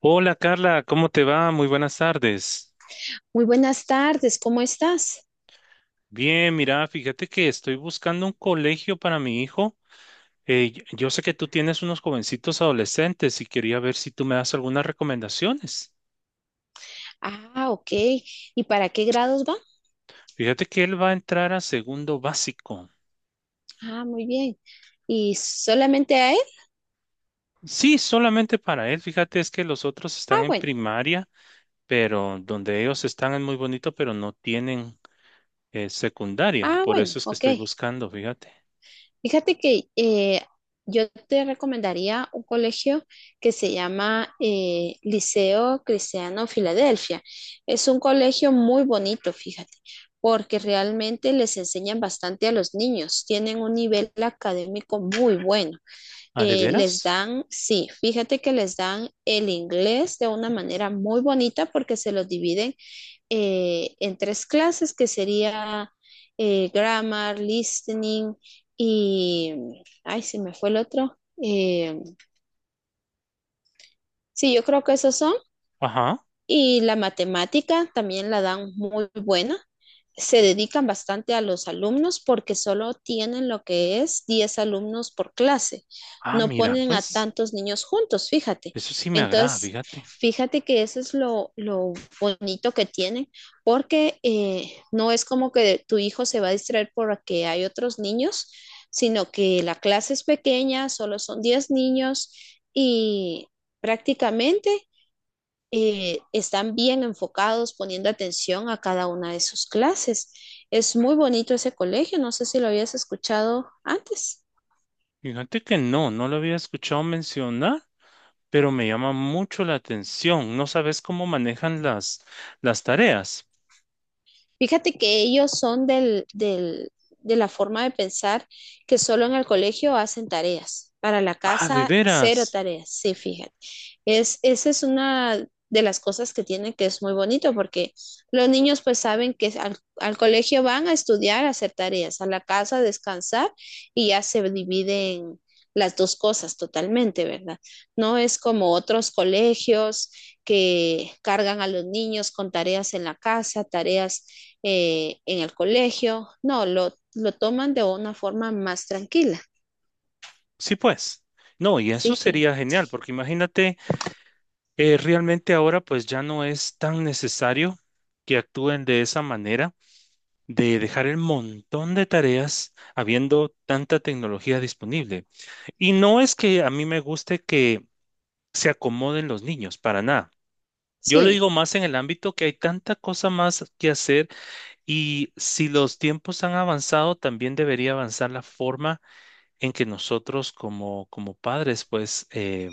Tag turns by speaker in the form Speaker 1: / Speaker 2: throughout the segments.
Speaker 1: Hola Carla, ¿cómo te va? Muy buenas tardes.
Speaker 2: Muy buenas tardes, ¿cómo estás?
Speaker 1: Bien, mira, fíjate que estoy buscando un colegio para mi hijo. Yo sé que tú tienes unos jovencitos adolescentes y quería ver si tú me das algunas recomendaciones.
Speaker 2: Ah, ok. ¿Y para qué grados va?
Speaker 1: Fíjate que él va a entrar a segundo básico.
Speaker 2: Ah, muy bien. ¿Y solamente a él?
Speaker 1: Sí, solamente para él. Fíjate, es que los otros
Speaker 2: Ah,
Speaker 1: están en
Speaker 2: bueno.
Speaker 1: primaria, pero donde ellos están es muy bonito, pero no tienen secundaria.
Speaker 2: Ah,
Speaker 1: Por eso
Speaker 2: bueno,
Speaker 1: es que
Speaker 2: ok.
Speaker 1: estoy buscando, fíjate.
Speaker 2: Fíjate que yo te recomendaría un colegio que se llama Liceo Cristiano Filadelfia. Es un colegio muy bonito, fíjate, porque realmente les enseñan bastante a los niños. Tienen un nivel académico muy bueno.
Speaker 1: ¿Ah, de
Speaker 2: Les
Speaker 1: veras?
Speaker 2: dan, sí, fíjate que les dan el inglés de una manera muy bonita porque se lo dividen en tres clases que sería grammar, listening y, ay, se me fue el otro. Eh, sí, yo creo que esos son.
Speaker 1: Ajá.
Speaker 2: Y la matemática también la dan muy buena. Se dedican bastante a los alumnos porque solo tienen lo que es 10 alumnos por clase.
Speaker 1: Ah,
Speaker 2: No
Speaker 1: mira,
Speaker 2: ponen a
Speaker 1: pues.
Speaker 2: tantos niños juntos, fíjate.
Speaker 1: Eso sí me agrada,
Speaker 2: Entonces,
Speaker 1: fíjate.
Speaker 2: fíjate que eso es lo bonito que tienen porque no es como que tu hijo se va a distraer porque hay otros niños, sino que la clase es pequeña, solo son 10 niños y prácticamente están bien enfocados, poniendo atención a cada una de sus clases. Es muy bonito ese colegio, no sé si lo habías escuchado antes.
Speaker 1: Fíjate que no lo había escuchado mencionar, pero me llama mucho la atención. No sabes cómo manejan las tareas.
Speaker 2: Fíjate que ellos son de la forma de pensar que solo en el colegio hacen tareas. Para la
Speaker 1: Ah, de
Speaker 2: casa, cero
Speaker 1: veras.
Speaker 2: tareas. Sí, fíjate. Esa es una de las cosas que tienen que es muy bonito porque los niños pues saben que al colegio van a estudiar, a hacer tareas, a la casa a descansar y ya se dividen las dos cosas totalmente, ¿verdad? No es como otros colegios que cargan a los niños con tareas en la casa, tareas en el colegio. No, lo toman de una forma más tranquila.
Speaker 1: Sí, pues. No, y
Speaker 2: Sí,
Speaker 1: eso
Speaker 2: fíjate.
Speaker 1: sería genial, porque imagínate, realmente ahora pues ya no es tan necesario que actúen de esa manera, de dejar el montón de tareas habiendo tanta tecnología disponible. Y no es que a mí me guste que se acomoden los niños, para nada. Yo lo
Speaker 2: Sí,
Speaker 1: digo más en el ámbito que hay tanta cosa más que hacer y si los tiempos han avanzado, también debería avanzar la forma en que nosotros como padres, pues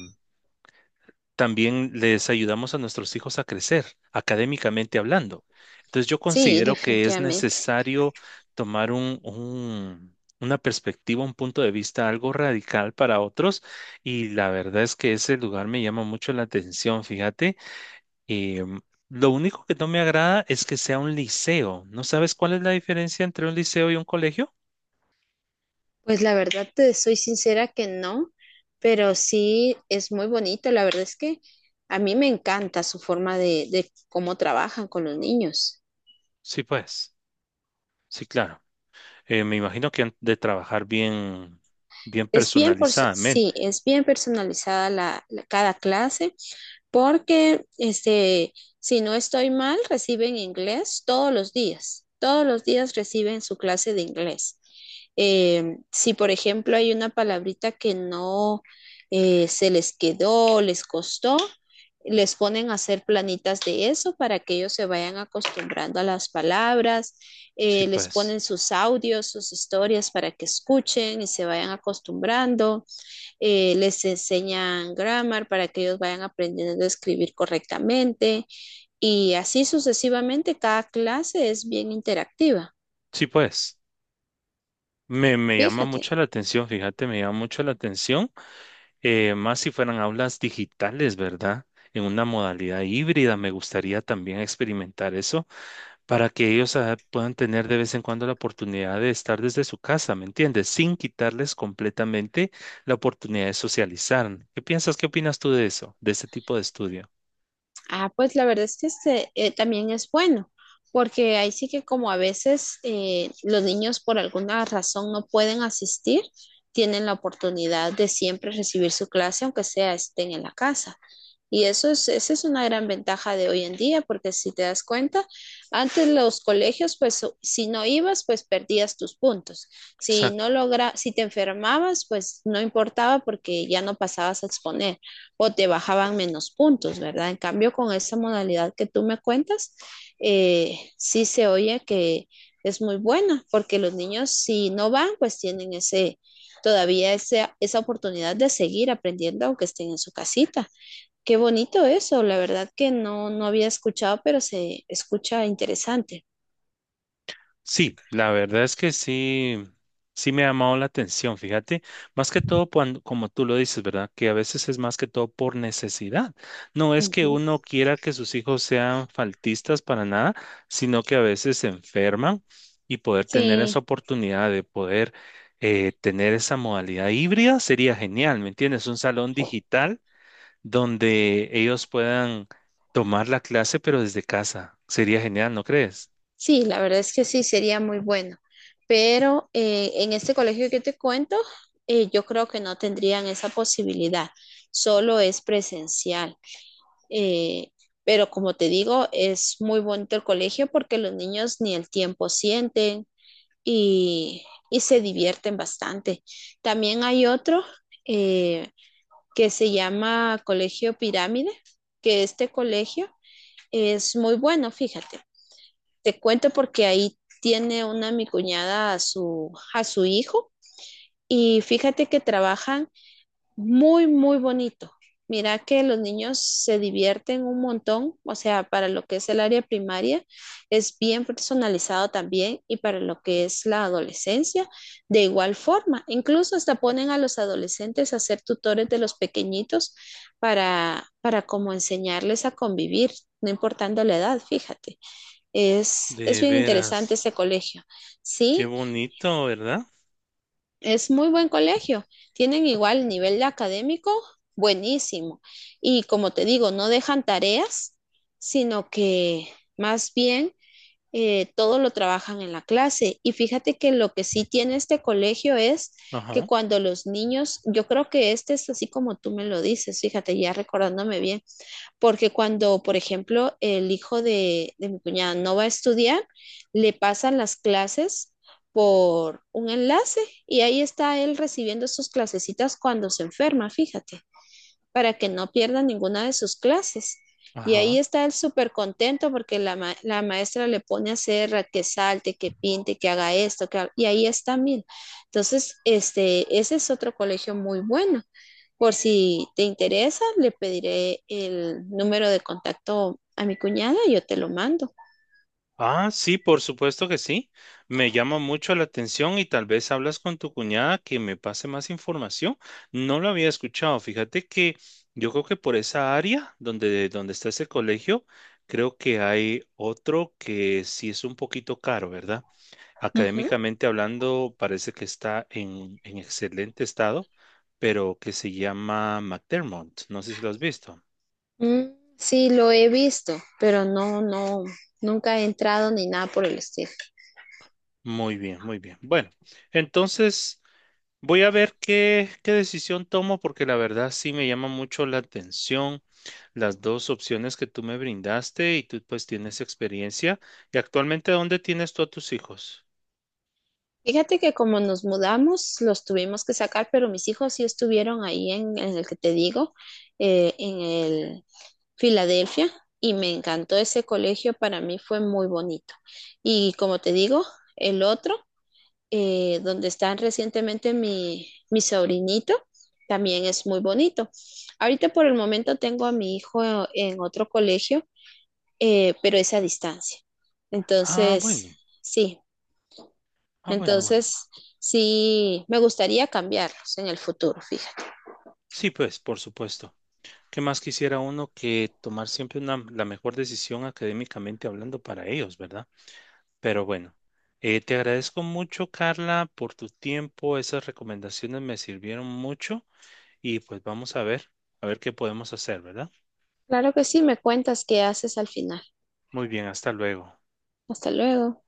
Speaker 1: también les ayudamos a nuestros hijos a crecer, académicamente hablando. Entonces yo
Speaker 2: sí,
Speaker 1: considero que es
Speaker 2: definitivamente.
Speaker 1: necesario tomar una perspectiva, un punto de vista algo radical para otros y la verdad es que ese lugar me llama mucho la atención, fíjate. Em, lo único que no me agrada es que sea un liceo. ¿No sabes cuál es la diferencia entre un liceo y un colegio?
Speaker 2: Pues la verdad te soy sincera que no, pero sí es muy bonito. La verdad es que a mí me encanta su forma de cómo trabajan con los niños.
Speaker 1: Sí, pues, sí, claro. Me imagino que han de trabajar bien
Speaker 2: Es bien, por, sí,
Speaker 1: personalizadamente.
Speaker 2: es bien personalizada cada clase porque este, si no estoy mal, reciben inglés todos los días. Todos los días reciben su clase de inglés. Si, por ejemplo, hay una palabrita que no se les quedó, les costó, les ponen a hacer planitas de eso para que ellos se vayan acostumbrando a las palabras,
Speaker 1: Sí,
Speaker 2: les
Speaker 1: pues,
Speaker 2: ponen sus audios, sus historias para que escuchen y se vayan acostumbrando les enseñan grammar para que ellos vayan aprendiendo a escribir correctamente y así sucesivamente cada clase es bien interactiva.
Speaker 1: sí, pues. Me llama mucho
Speaker 2: Fíjate,
Speaker 1: la atención, fíjate, me llama mucho la atención. Más si fueran aulas digitales, ¿verdad? En una modalidad híbrida, me gustaría también experimentar eso para que ellos ah, puedan tener de vez en cuando la oportunidad de estar desde su casa, ¿me entiendes? Sin quitarles completamente la oportunidad de socializar. ¿Qué piensas? ¿Qué opinas tú de eso, de este tipo de estudio?
Speaker 2: ah, pues la verdad es que este, también es bueno, porque ahí sí que como a veces los niños por alguna razón no pueden asistir, tienen la oportunidad de siempre recibir su clase, aunque sea estén en la casa. Y eso esa es una gran ventaja de hoy en día, porque si te das cuenta, antes los colegios, pues o- si no ibas, pues perdías tus puntos. Si no
Speaker 1: Exacto.
Speaker 2: logra, si te enfermabas, pues no importaba porque ya no pasabas a exponer o te bajaban menos puntos, ¿verdad? En cambio, con esa modalidad que tú me cuentas, sí se oye que es muy buena, porque los niños si no van, pues tienen ese, todavía ese- esa oportunidad de seguir aprendiendo aunque estén en su casita. Qué bonito eso, la verdad que no, no había escuchado, pero se escucha interesante.
Speaker 1: Sí, la verdad es que sí, sí me ha llamado la atención, fíjate, más que todo cuando, como tú lo dices, ¿verdad? Que a veces es más que todo por necesidad. No es que
Speaker 2: Ujú.
Speaker 1: uno quiera que sus hijos sean faltistas para nada, sino que a veces se enferman y poder tener esa
Speaker 2: Sí,
Speaker 1: oportunidad de poder tener esa modalidad híbrida sería genial, ¿me entiendes? Un salón digital donde ellos puedan tomar la clase, pero desde casa. Sería genial, ¿no crees?
Speaker 2: sí, la verdad es que sí, sería muy bueno. Pero en este colegio que te cuento, yo creo que no tendrían esa posibilidad, solo es presencial. Eh, pero como te digo, es muy bonito el colegio porque los niños ni el tiempo sienten y, y se divierten bastante. También hay otro. eh, que se llama Colegio Pirámide, que este colegio es muy bueno, fíjate. Te cuento porque ahí tiene una mi cuñada a su hijo y fíjate que trabajan muy, muy bonito. Mira que los niños se divierten un montón, o sea, para lo que es el área primaria es bien personalizado también y para lo que es la adolescencia de igual forma. Incluso hasta ponen a los adolescentes a ser tutores de los pequeñitos para como enseñarles a convivir, no importando la edad, fíjate. Es
Speaker 1: De
Speaker 2: bien interesante
Speaker 1: veras.
Speaker 2: este colegio.
Speaker 1: Qué
Speaker 2: Sí,
Speaker 1: bonito, ¿verdad?
Speaker 2: es muy buen colegio. Tienen igual nivel académico, buenísimo. Y como te digo, no dejan tareas, sino que más bien todo lo trabajan en la clase. Y fíjate que lo que sí tiene este colegio es que
Speaker 1: Ajá,
Speaker 2: cuando los niños, yo creo que este es así como tú me lo dices, fíjate, ya recordándome bien, porque cuando, por ejemplo, el hijo de mi cuñada no va a estudiar, le pasan las clases por un enlace y ahí está él recibiendo sus clasecitas cuando se enferma, fíjate, para que no pierda ninguna de sus clases. Y ahí
Speaker 1: ajá.
Speaker 2: está él súper contento porque la, ma- la maestra le pone a hacer a que salte, que pinte, que haga esto, que ha- y ahí está Mil. Entonces, este, ese es otro colegio muy bueno. Por si te interesa, le pediré el número de contacto a mi cuñada y yo te lo mando.
Speaker 1: Ah, sí, por supuesto que sí. Me llama mucho la atención y tal vez hablas con tu cuñada que me pase más información. No lo había escuchado. Fíjate que yo creo que por esa área donde está ese colegio, creo que hay otro que sí es un poquito caro, ¿verdad?
Speaker 2: Ujú.
Speaker 1: Académicamente hablando, parece que está en excelente estado, pero que se llama McDermott. No sé si lo has visto.
Speaker 2: Mm, sí, lo he visto, pero no, no, nunca he entrado ni nada por el estilo.
Speaker 1: Muy bien, muy bien. Bueno, entonces voy a ver qué decisión tomo porque la verdad sí me llama mucho la atención las dos opciones que tú me brindaste y tú pues tienes experiencia. ¿Y actualmente dónde tienes tú a tus hijos?
Speaker 2: Fíjate que como nos mudamos, los tuvimos que sacar, pero mis hijos sí estuvieron ahí en el que te digo, en el Filadelfia, y me encantó ese colegio, para mí fue muy bonito. Y como te digo, el otro donde está recientemente mi sobrinito, también es muy bonito. Ahorita por el momento tengo a mi hijo en otro colegio, pero es a distancia.
Speaker 1: Ah,
Speaker 2: Entonces,
Speaker 1: bueno,
Speaker 2: sí,
Speaker 1: ah, bueno, bueno.
Speaker 2: entonces sí, me gustaría cambiarlos en el futuro, fíjate.
Speaker 1: Sí, pues, por supuesto. ¿Qué más quisiera uno que tomar siempre una, la mejor decisión académicamente hablando para ellos, ¿verdad? Pero bueno, te agradezco mucho, Carla, por tu tiempo. Esas recomendaciones me sirvieron mucho y pues vamos a ver qué podemos hacer, ¿verdad?
Speaker 2: Claro que sí, me cuentas qué haces al final.
Speaker 1: Muy bien, hasta luego.
Speaker 2: Hasta luego.